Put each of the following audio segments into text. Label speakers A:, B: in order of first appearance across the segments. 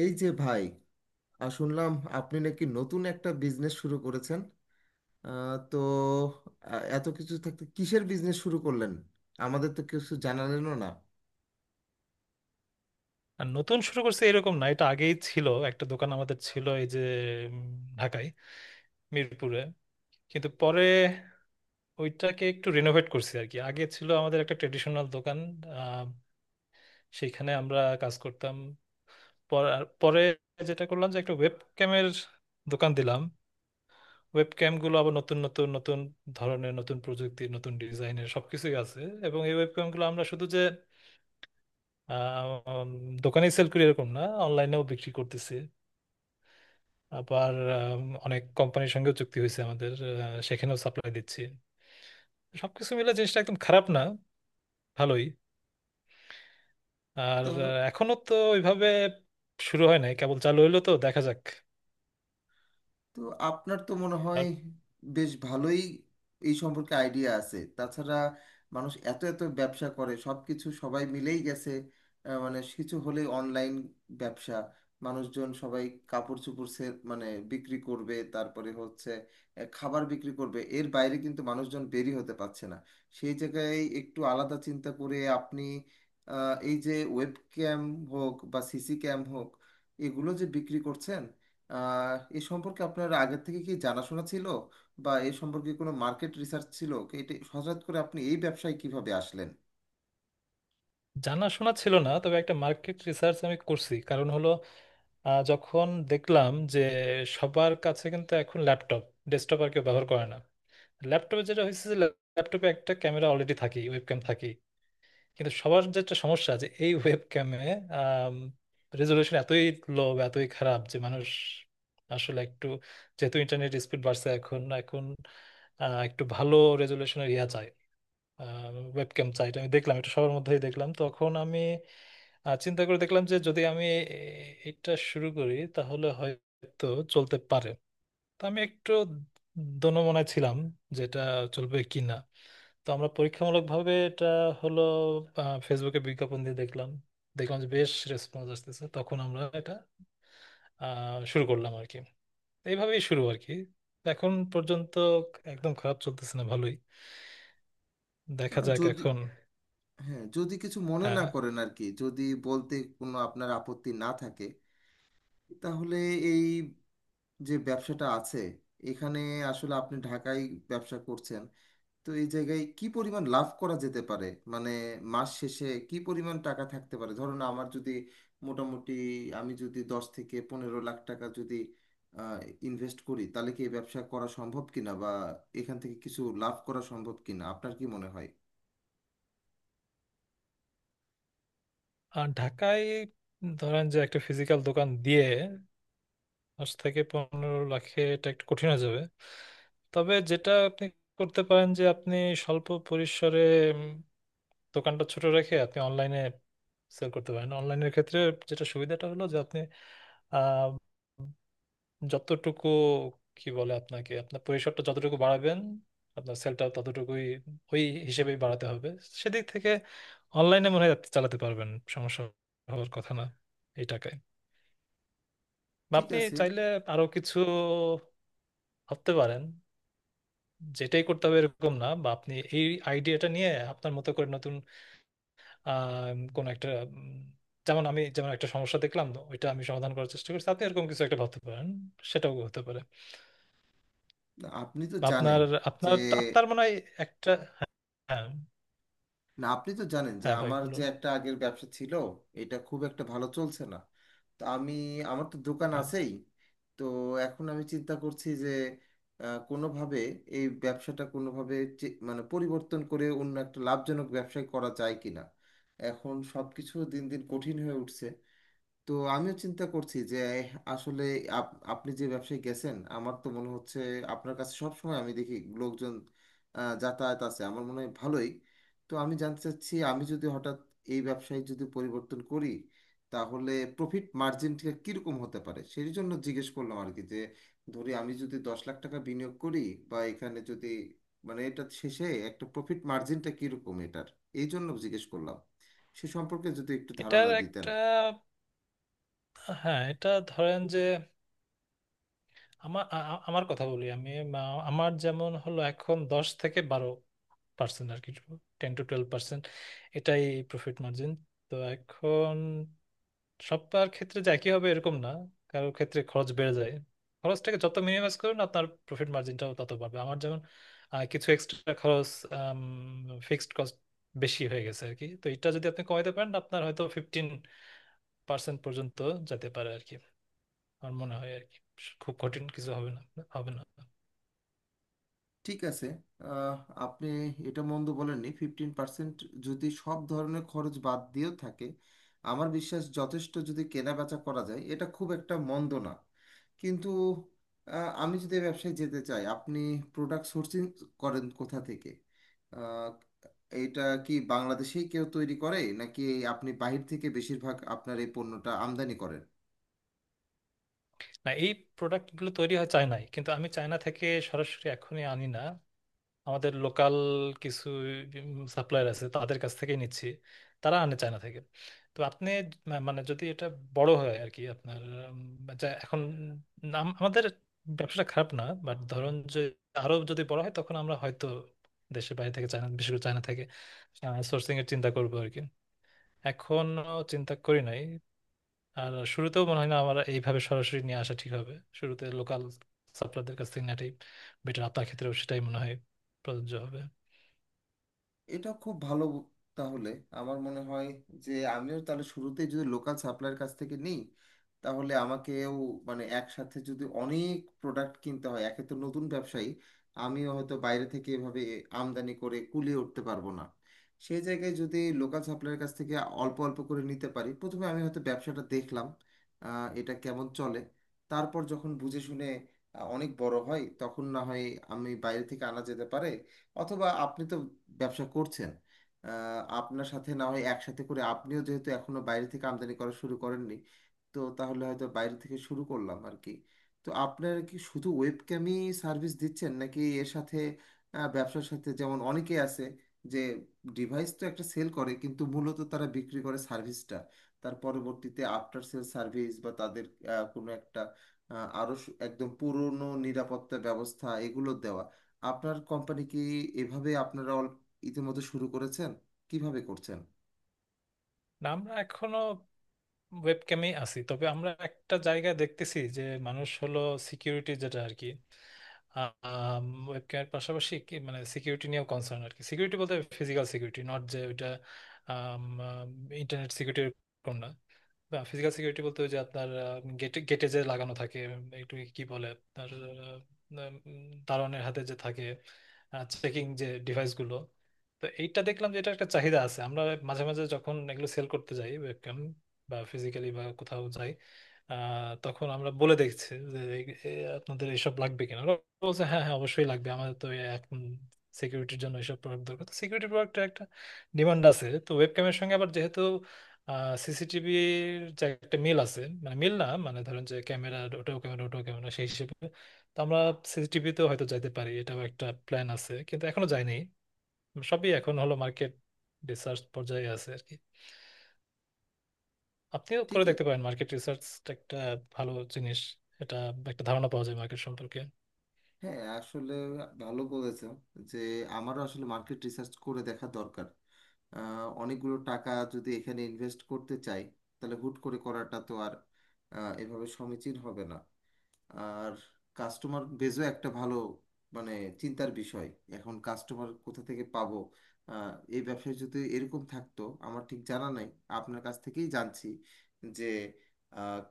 A: এই যে ভাই, শুনলাম আপনি নাকি নতুন একটা বিজনেস শুরু করেছেন। আহ, তো এত কিছু থাকতে কিসের বিজনেস শুরু করলেন? আমাদের তো কিছু জানালেনও
B: আর নতুন শুরু করছে এরকম না, এটা আগেই ছিল। একটা দোকান আমাদের ছিল এই যে উম, ঢাকায়, মিরপুরে। কিন্তু পরে ওইটাকে একটু রিনোভেট করছি আর কি। আগে ছিল আমাদের একটা ট্রেডিশনাল দোকান, আহ, সেইখানে আমরা কাজ করতাম। আর পরে যেটা করলাম যে একটা ওয়েব ক্যামের দোকান দিলাম। ওয়েব ক্যামগুলো আবার নতুন নতুন নতুন ধরনের, নতুন প্রযুক্তির, নতুন ডিজাইনের সবকিছুই আছে। এবং এই ওয়েব ক্যামগুলো আমরা শুধু যে আহ, উম, দোকানেই সেল করি এরকম না, অনলাইনেও বিক্রি করতেছি। আবার অনেক কোম্পানির সঙ্গেও চুক্তি হয়েছে আমাদের, সেখানেও সাপ্লাই দিচ্ছি। সবকিছু মিলে জিনিসটা একদম খারাপ না, ভালোই। আর
A: না।
B: এখনো তো ওইভাবে শুরু হয় নাই, কেবল চালু হইলো, তো দেখা যাক।
A: তো আপনার তো মনে হয়
B: আর
A: বেশ ভালোই এই সম্পর্কে আইডিয়া আছে। তাছাড়া মানুষ এত এত ব্যবসা করে, সব কিছু সবাই মিলেই গেছে। মানে কিছু হলেই অনলাইন ব্যবসা, মানুষজন সবাই কাপড় চোপড় সে মানে বিক্রি করবে, তারপরে হচ্ছে খাবার বিক্রি করবে। এর বাইরে কিন্তু মানুষজন বেরি হতে পারছে না। সেই জায়গায় একটু আলাদা চিন্তা করে আপনি এই যে ওয়েব ক্যাম হোক বা সিসি ক্যাম হোক, এগুলো যে বিক্রি করছেন, এ সম্পর্কে আপনার আগের থেকে কি জানাশোনা ছিল? বা এ সম্পর্কে কোনো মার্কেট রিসার্চ ছিল? এটা হঠাৎ করে আপনি এই ব্যবসায় কিভাবে আসলেন?
B: জানাশোনা ছিল না, তবে একটা মার্কেট রিসার্চ আমি করছি। কারণ হলো, যখন দেখলাম যে সবার কাছে কিন্তু এখন ল্যাপটপ, ডেস্কটপ আর কেউ ব্যবহার করে না। ল্যাপটপে যেটা হয়েছে যে ল্যাপটপে একটা ক্যামেরা অলরেডি থাকেই, ওয়েবক্যাম থাকেই। কিন্তু সবার যে একটা সমস্যা আছে এই ওয়েব ক্যামে, রেজলিউশন এতই লো, এতই খারাপ যে মানুষ আসলে একটু, যেহেতু ইন্টারনেট স্পিড বাড়ছে এখন, একটু ভালো রেজলিউশনের ইয়া চাই, ওয়েব ক্যাম চাই। এটা আমি দেখলাম, এটা সবার মধ্যেই দেখলাম। তখন আমি চিন্তা করে দেখলাম যে যদি আমি এটা শুরু করি তাহলে হয়তো চলতে পারে। তো আমি একটু দোনো মনে ছিলাম যেটা চলবে কিনা। তো আমরা পরীক্ষামূলকভাবে এটা হলো ফেসবুকে বিজ্ঞাপন দিয়ে দেখলাম, দেখলাম যে বেশ রেসপন্স আসতেছে। তখন আমরা এটা শুরু করলাম আর কি। এইভাবেই শুরু আর কি। এখন পর্যন্ত একদম খারাপ চলতেছে না, ভালোই। দেখা
A: আহ,
B: যাক
A: যদি
B: এখন।
A: হ্যাঁ, যদি কিছু মনে না
B: হ্যাঁ।
A: করেন আর কি, যদি বলতে কোনো আপনার আপত্তি না থাকে, তাহলে এই যে ব্যবসাটা আছে এখানে, আসলে আপনি ঢাকায় ব্যবসা করছেন, তো এই জায়গায় কি পরিমাণ লাভ করা যেতে পারে? মানে মাস শেষে কি পরিমাণ টাকা থাকতে পারে? ধরুন আমার যদি মোটামুটি, আমি যদি 10 থেকে 15 লাখ টাকা যদি ইনভেস্ট করি, তাহলে কি এই ব্যবসা করা সম্ভব কিনা বা এখান থেকে কিছু লাভ করা সম্ভব কিনা, আপনার কি মনে হয়?
B: আর ঢাকায় ধরেন যে একটা ফিজিক্যাল দোকান দিয়ে 10 থেকে 15 লাখে এটা একটু কঠিন হয়ে যাবে। তবে যেটা আপনি করতে পারেন, যে আপনি স্বল্প পরিসরে দোকানটা ছোট রেখে আপনি অনলাইনে সেল করতে পারেন। অনলাইনের ক্ষেত্রে যেটা সুবিধাটা হলো যে আপনি আহ, যতটুকু, কি বলে, আপনাকে আপনার পরিসরটা যতটুকু বাড়াবেন আপনার সেলটা ততটুকুই ওই হিসেবেই বাড়াতে হবে। সেদিক থেকে অনলাইনে মনে হয় আপনি চালাতে পারবেন, সমস্যা হওয়ার কথা না এই টাকায়। বা
A: ঠিক
B: আপনি
A: আছে।
B: চাইলে আরো কিছু ভাবতে পারেন। যেটাই করতে হবে এরকম না, বা আপনি এই আইডিয়াটা নিয়ে আপনার মতো করে নতুন আহ কোন একটা উম, যেমন আমি যেমন একটা সমস্যা দেখলাম ওইটা আমি সমাধান করার চেষ্টা করছি, আপনি এরকম কিছু একটা ভাবতে পারেন। সেটাও হতে পারে।
A: আপনি তো
B: বা
A: জানেন
B: আপনার
A: যে
B: আপনার আপনার মনে হয় একটা, হ্যাঁ।
A: না, আপনি তো জানেন যে
B: হ্যাঁ ভাই
A: আমার যে
B: বলুন।
A: একটা আগের ব্যবসা ছিল, এটা খুব একটা ভালো চলছে না। তো আমি, আমার তো দোকান
B: হ্যাঁ।
A: আছেই। তো এখন আমি চিন্তা করছি যে কোনোভাবে এই ব্যবসাটা কোনোভাবে মানে পরিবর্তন করে অন্য একটা লাভজনক ব্যবসায় করা যায় কিনা। এখন সব কিছু দিন দিন কঠিন হয়ে উঠছে। তো আমিও চিন্তা করছি যে আসলে আপনি যে ব্যবসায় গেছেন আমার তো মনে হচ্ছে আপনার কাছে সব সময় আমি দেখি লোকজন যাতায়াত আছে, আমার মনে হয় ভালোই। তো আমি জানতে চাচ্ছি, আমি যদি হঠাৎ এই ব্যবসায় যদি পরিবর্তন করি, তাহলে প্রফিট মার্জিনটা কীরকম হতে পারে, সেই জন্য জিজ্ঞেস করলাম আর কি। যে ধরি আমি যদি 10 লাখ টাকা বিনিয়োগ করি, বা এখানে যদি, মানে এটা শেষে একটা প্রফিট মার্জিনটা কীরকম এটার, এই জন্য জিজ্ঞেস করলাম। সে সম্পর্কে যদি একটু
B: এটার
A: ধারণা দিতেন।
B: একটা, হ্যাঁ, এটা ধরেন যে, আমার আমার কথা বলি। আমি আমার যেমন হলো এখন 10 থেকে 12% আর কি, 10 to 12%, এটাই প্রফিট মার্জিন। তো এখন সবার ক্ষেত্রে যে একই হবে এরকম না, কারোর ক্ষেত্রে খরচ বেড়ে যায়। খরচটাকে যত মিনিমাইজ করুন আপনার প্রফিট মার্জিনটাও তত বাড়বে। আমার যেমন কিছু এক্সট্রা খরচ, ফিক্সড কস্ট বেশি হয়ে গেছে আর কি। তো এটা যদি আপনি কমাতে পারেন আপনার হয়তো 15% পর্যন্ত যেতে পারে আর কি। আমার মনে হয় আর কি, খুব কঠিন কিছু হবে না, হবে না।
A: ঠিক আছে। আহ, আপনি এটা মন্দ বলেননি। 15% যদি সব ধরনের খরচ বাদ দিয়েও থাকে, আমার বিশ্বাস যথেষ্ট যদি কেনাবেচা করা যায়, এটা খুব একটা মন্দ না। কিন্তু আমি যদি এ ব্যবসায় যেতে চাই, আপনি প্রোডাক্ট সোর্সিং করেন কোথা থেকে? আহ, এটা কি বাংলাদেশেই কেউ তৈরি করে, নাকি আপনি বাহির থেকে বেশিরভাগ আপনার এই পণ্যটা আমদানি করেন?
B: না, এই প্রোডাক্টগুলো তৈরি হয় চায়নায়, কিন্তু আমি চায়না থেকে সরাসরি এখনই আনি না। আমাদের লোকাল কিছু সাপ্লায়ার আছে, তাদের কাছ থেকে নিচ্ছি। তারা আনে চায়না থেকে। তো আপনি মানে যদি এটা বড় হয় আর কি আপনার, যা এখন নাম, আমাদের ব্যবসাটা খারাপ না, বাট ধরুন যে আরো যদি বড় হয় তখন আমরা হয়তো দেশের বাইরে থেকে, চায়না, বিশেষ করে চায়না থেকে সোর্সিং এর চিন্তা করবো আর কি। এখনো চিন্তা করি নাই। আর শুরুতেও মনে হয় না আমার এইভাবে সরাসরি নিয়ে আসা ঠিক হবে। শুরুতে লোকাল সাপ্লায়ারদের কাছ থেকে নেওয়াটাই বেটার। আপনার ক্ষেত্রেও সেটাই মনে হয় প্রযোজ্য হবে।
A: এটা খুব ভালো। তাহলে আমার মনে হয় যে আমিও তাহলে শুরুতেই যদি লোকাল সাপ্লায়ার কাছ থেকে নিই, তাহলে আমাকেও মানে একসাথে যদি অনেক প্রোডাক্ট কিনতে হয়, একে তো নতুন ব্যবসায়ী, আমিও হয়তো বাইরে থেকে এভাবে আমদানি করে কুলিয়ে উঠতে পারবো না। সেই জায়গায় যদি লোকাল সাপ্লায়ার কাছ থেকে অল্প অল্প করে নিতে পারি, প্রথমে আমি হয়তো ব্যবসাটা দেখলাম এটা কেমন চলে। তারপর যখন বুঝে শুনে অনেক বড় হয় তখন না হয় আমি বাইরে থেকে আনা যেতে পারে। অথবা আপনি তো ব্যবসা করছেন, আপনার সাথে না হয় একসাথে করে, আপনিও যেহেতু এখনো বাইরে থেকে আমদানি করা শুরু করেননি, তো তাহলে হয়তো বাইরে থেকে শুরু করলাম আর কি। তো আপনারা কি শুধু ওয়েবক্যামই সার্ভিস দিচ্ছেন, নাকি এর সাথে ব্যবসার সাথে যেমন অনেকেই আছে যে ডিভাইস তো একটা সেল করে কিন্তু মূলত তারা বিক্রি করে সার্ভিসটা, তার পরবর্তীতে আফটার সেল সার্ভিস বা তাদের আহ, কোনো একটা আহ, আরো সু- একদম পুরনো নিরাপত্তা ব্যবস্থা এগুলো দেওয়া, আপনার কোম্পানি কি এভাবে আপনারা ইতিমধ্যে শুরু করেছেন? কিভাবে করছেন?
B: না, আমরা এখনো ওয়েবক্যামে আছি। তবে আমরা একটা জায়গায় দেখতেছি যে মানুষ হলো সিকিউরিটি, যেটা আর কি, ওয়েবক্যামের পাশাপাশি কি মানে সিকিউরিটি নিয়েও কনসার্ন আর কি। সিকিউরিটি বলতে ফিজিক্যাল সিকিউরিটি, নট যে ওইটা ইন্টারনেট সিকিউরিটি, না, ফিজিক্যাল সিকিউরিটি বলতে ওই যে আপনার গেটে গেটে যে লাগানো থাকে, একটু কি বলে আপনার উম, দারোয়ানের হাতে যে থাকে, চেকিং যে ডিভাইস গুলো তো এইটা দেখলাম যে এটা একটা চাহিদা আছে। আমরা মাঝে মাঝে যখন এগুলো সেল করতে যাই, ওয়েবক্যাম বা ফিজিক্যালি বা কোথাও যাই, তখন আমরা বলে দেখছি যে এ আপনাদের এইসব লাগবে কিনা, ওরা বলছে হ্যাঁ হ্যাঁ অবশ্যই লাগবে আমাদের তো এখন সিকিউরিটির জন্য এইসব প্রোডাক্ট দরকার। তো সিকিউরিটি প্রোডাক্টের একটা ডিমান্ড আছে। তো ওয়েবক্যামের সঙ্গে আবার যেহেতু সিসিটিভির যে একটা মিল আছে, মানে মিল না, মানে ধরেন যে ক্যামেরা, ওটাও ক্যামেরা, ওটাও ক্যামেরা, সেই হিসেবে তো আমরা সিসিটিভিতেও হয়তো যাইতে পারি, এটাও একটা প্ল্যান আছে, কিন্তু এখনো যাইনি। সবই এখন হলো মার্কেট রিসার্চ পর্যায়ে আছে আর কি। আপনিও
A: ঠিক
B: করে
A: আছে।
B: দেখতে পারেন মার্কেট রিসার্চ, একটা ভালো জিনিস এটা, একটা ধারণা পাওয়া যায় মার্কেট সম্পর্কে।
A: হ্যাঁ, আসলে ভালো বলেছেন যে আমারও আসলে মার্কেট রিসার্চ করে দেখা দরকার। অনেকগুলো টাকা যদি এখানে ইনভেস্ট করতে চাই তাহলে হুট করে করাটা তো আর এভাবে সমীচীন হবে না। আর কাস্টমার বেজও একটা ভালো মানে চিন্তার বিষয়। এখন কাস্টমার কোথা থেকে পাবো? এই ব্যবসায় যদি এরকম থাকতো, আমার ঠিক জানা নাই, আপনার কাছ থেকেই জানছি যে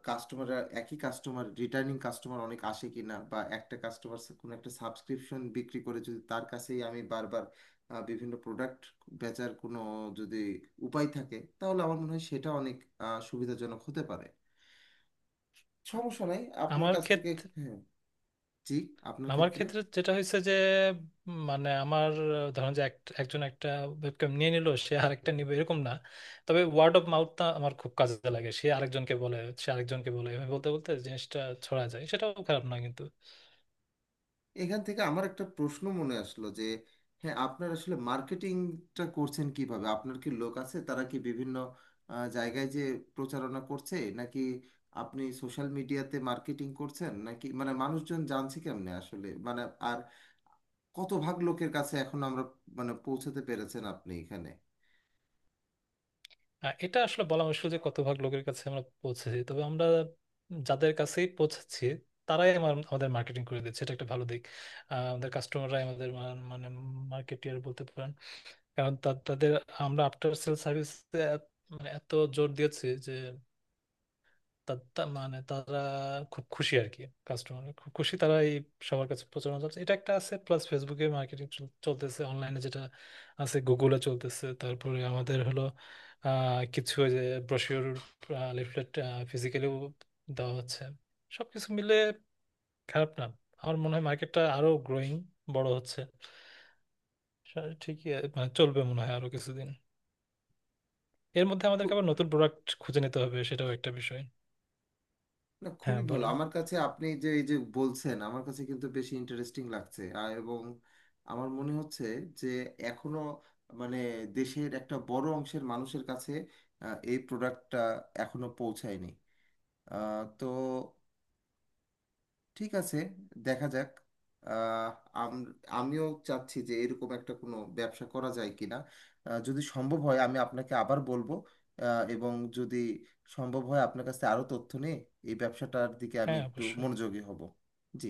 A: কাস্টমার, একই কাস্টমার, রিটার্নিং কাস্টমার অনেক আসে কিনা, বা একটা কাস্টমার কোনো একটা সাবস্ক্রিপশন বিক্রি করে যদি তার কাছেই আমি বারবার বিভিন্ন প্রোডাক্ট বেচার কোনো যদি উপায় থাকে, তাহলে আমার মনে হয় সেটা অনেক সুবিধাজনক হতে পারে। সমস্যা নাই আপনার
B: আমার
A: কাছ থেকে।
B: ক্ষেত্রে
A: হ্যাঁ। জি। আপনার
B: আমার
A: ক্ষেত্রে।
B: ক্ষেত্রে যেটা হয়েছে যে মানে আমার ধরেন যে একজন একটা ওয়েবক্যাম নিয়ে নিল সে আরেকটা নিবে এরকম না। তবে ওয়ার্ড অফ মাউথটা আমার খুব কাজে লাগে। সে আরেকজনকে বলে, সে আরেকজনকে বলে, এভাবে বলতে বলতে জিনিসটা ছড়া যায়, সেটাও খারাপ না কিন্তু।
A: এখান থেকে আমার একটা প্রশ্ন মনে আসলো যে, হ্যাঁ, আপনার আসলে মার্কেটিংটা করছেন কিভাবে? আপনার কি লোক আছে, তারা কি বিভিন্ন জায়গায় যে প্রচারণা করছে, নাকি আপনি সোশ্যাল মিডিয়াতে মার্কেটিং করছেন, নাকি মানে মানুষজন জানছে কেমনে আসলে মানে, আর কত ভাগ লোকের কাছে এখন আমরা মানে পৌঁছাতে পেরেছেন আপনি এখানে?
B: এটা আসলে বলা মুশকিল যে কত ভাগ লোকের কাছে আমরা পৌঁছেছি। তবে আমরা যাদের কাছেই পৌঁছেছি তারাই আমাদের মার্কেটিং করে দিচ্ছে, এটা একটা ভালো দিক। আমাদের কাস্টমাররাই আমাদের মানে মার্কেটিয়ার বলতে পারেন। কারণ তাদের আমরা আফটার সেল সার্ভিস মানে এত জোর দিয়েছি, তা মানে তারা খুব খুশি আর কি। কাস্টমার খুব খুশি, তারা এই সবার কাছে প্রচারণা চলছে, এটা একটা আছে। প্লাস ফেসবুকে মার্কেটিং চলতেছে, অনলাইনে যেটা আছে, গুগলে চলতেছে। তারপরে আমাদের হলো কিছু ওই যে ব্রোশিওর, লিফলেট ফিজিক্যালিও দেওয়া হচ্ছে। সবকিছু মিলে খারাপ না। আমার মনে হয় মার্কেটটা আরো গ্রোয়িং, বড় হচ্ছে। ঠিকই মানে চলবে মনে হয় আরো কিছুদিন। এর মধ্যে আমাদেরকে আবার নতুন প্রোডাক্ট খুঁজে নিতে হবে, সেটাও একটা বিষয়।
A: না, খুবই
B: হ্যাঁ
A: ভালো।
B: বলুন।
A: আমার কাছে আপনি যে এই যে বলছেন, আমার কাছে কিন্তু বেশি ইন্টারেস্টিং লাগছে। আর এবং আমার মনে হচ্ছে যে এখনো মানে দেশের একটা বড় অংশের মানুষের কাছে এই প্রোডাক্টটা এখনো পৌঁছায়নি। আহ, তো ঠিক আছে, দেখা যাক। আহ, আম- আমিও চাচ্ছি যে এরকম একটা কোনো ব্যবসা করা যায় কিনা। যদি সম্ভব হয় আমি আপনাকে আবার বলবো। এবং যদি সম্ভব হয় আপনার কাছে আরো তথ্য নিয়ে এই ব্যবসাটার দিকে আমি
B: হ্যাঁ
A: একটু
B: অবশ্যই।
A: মনোযোগী হব। জি।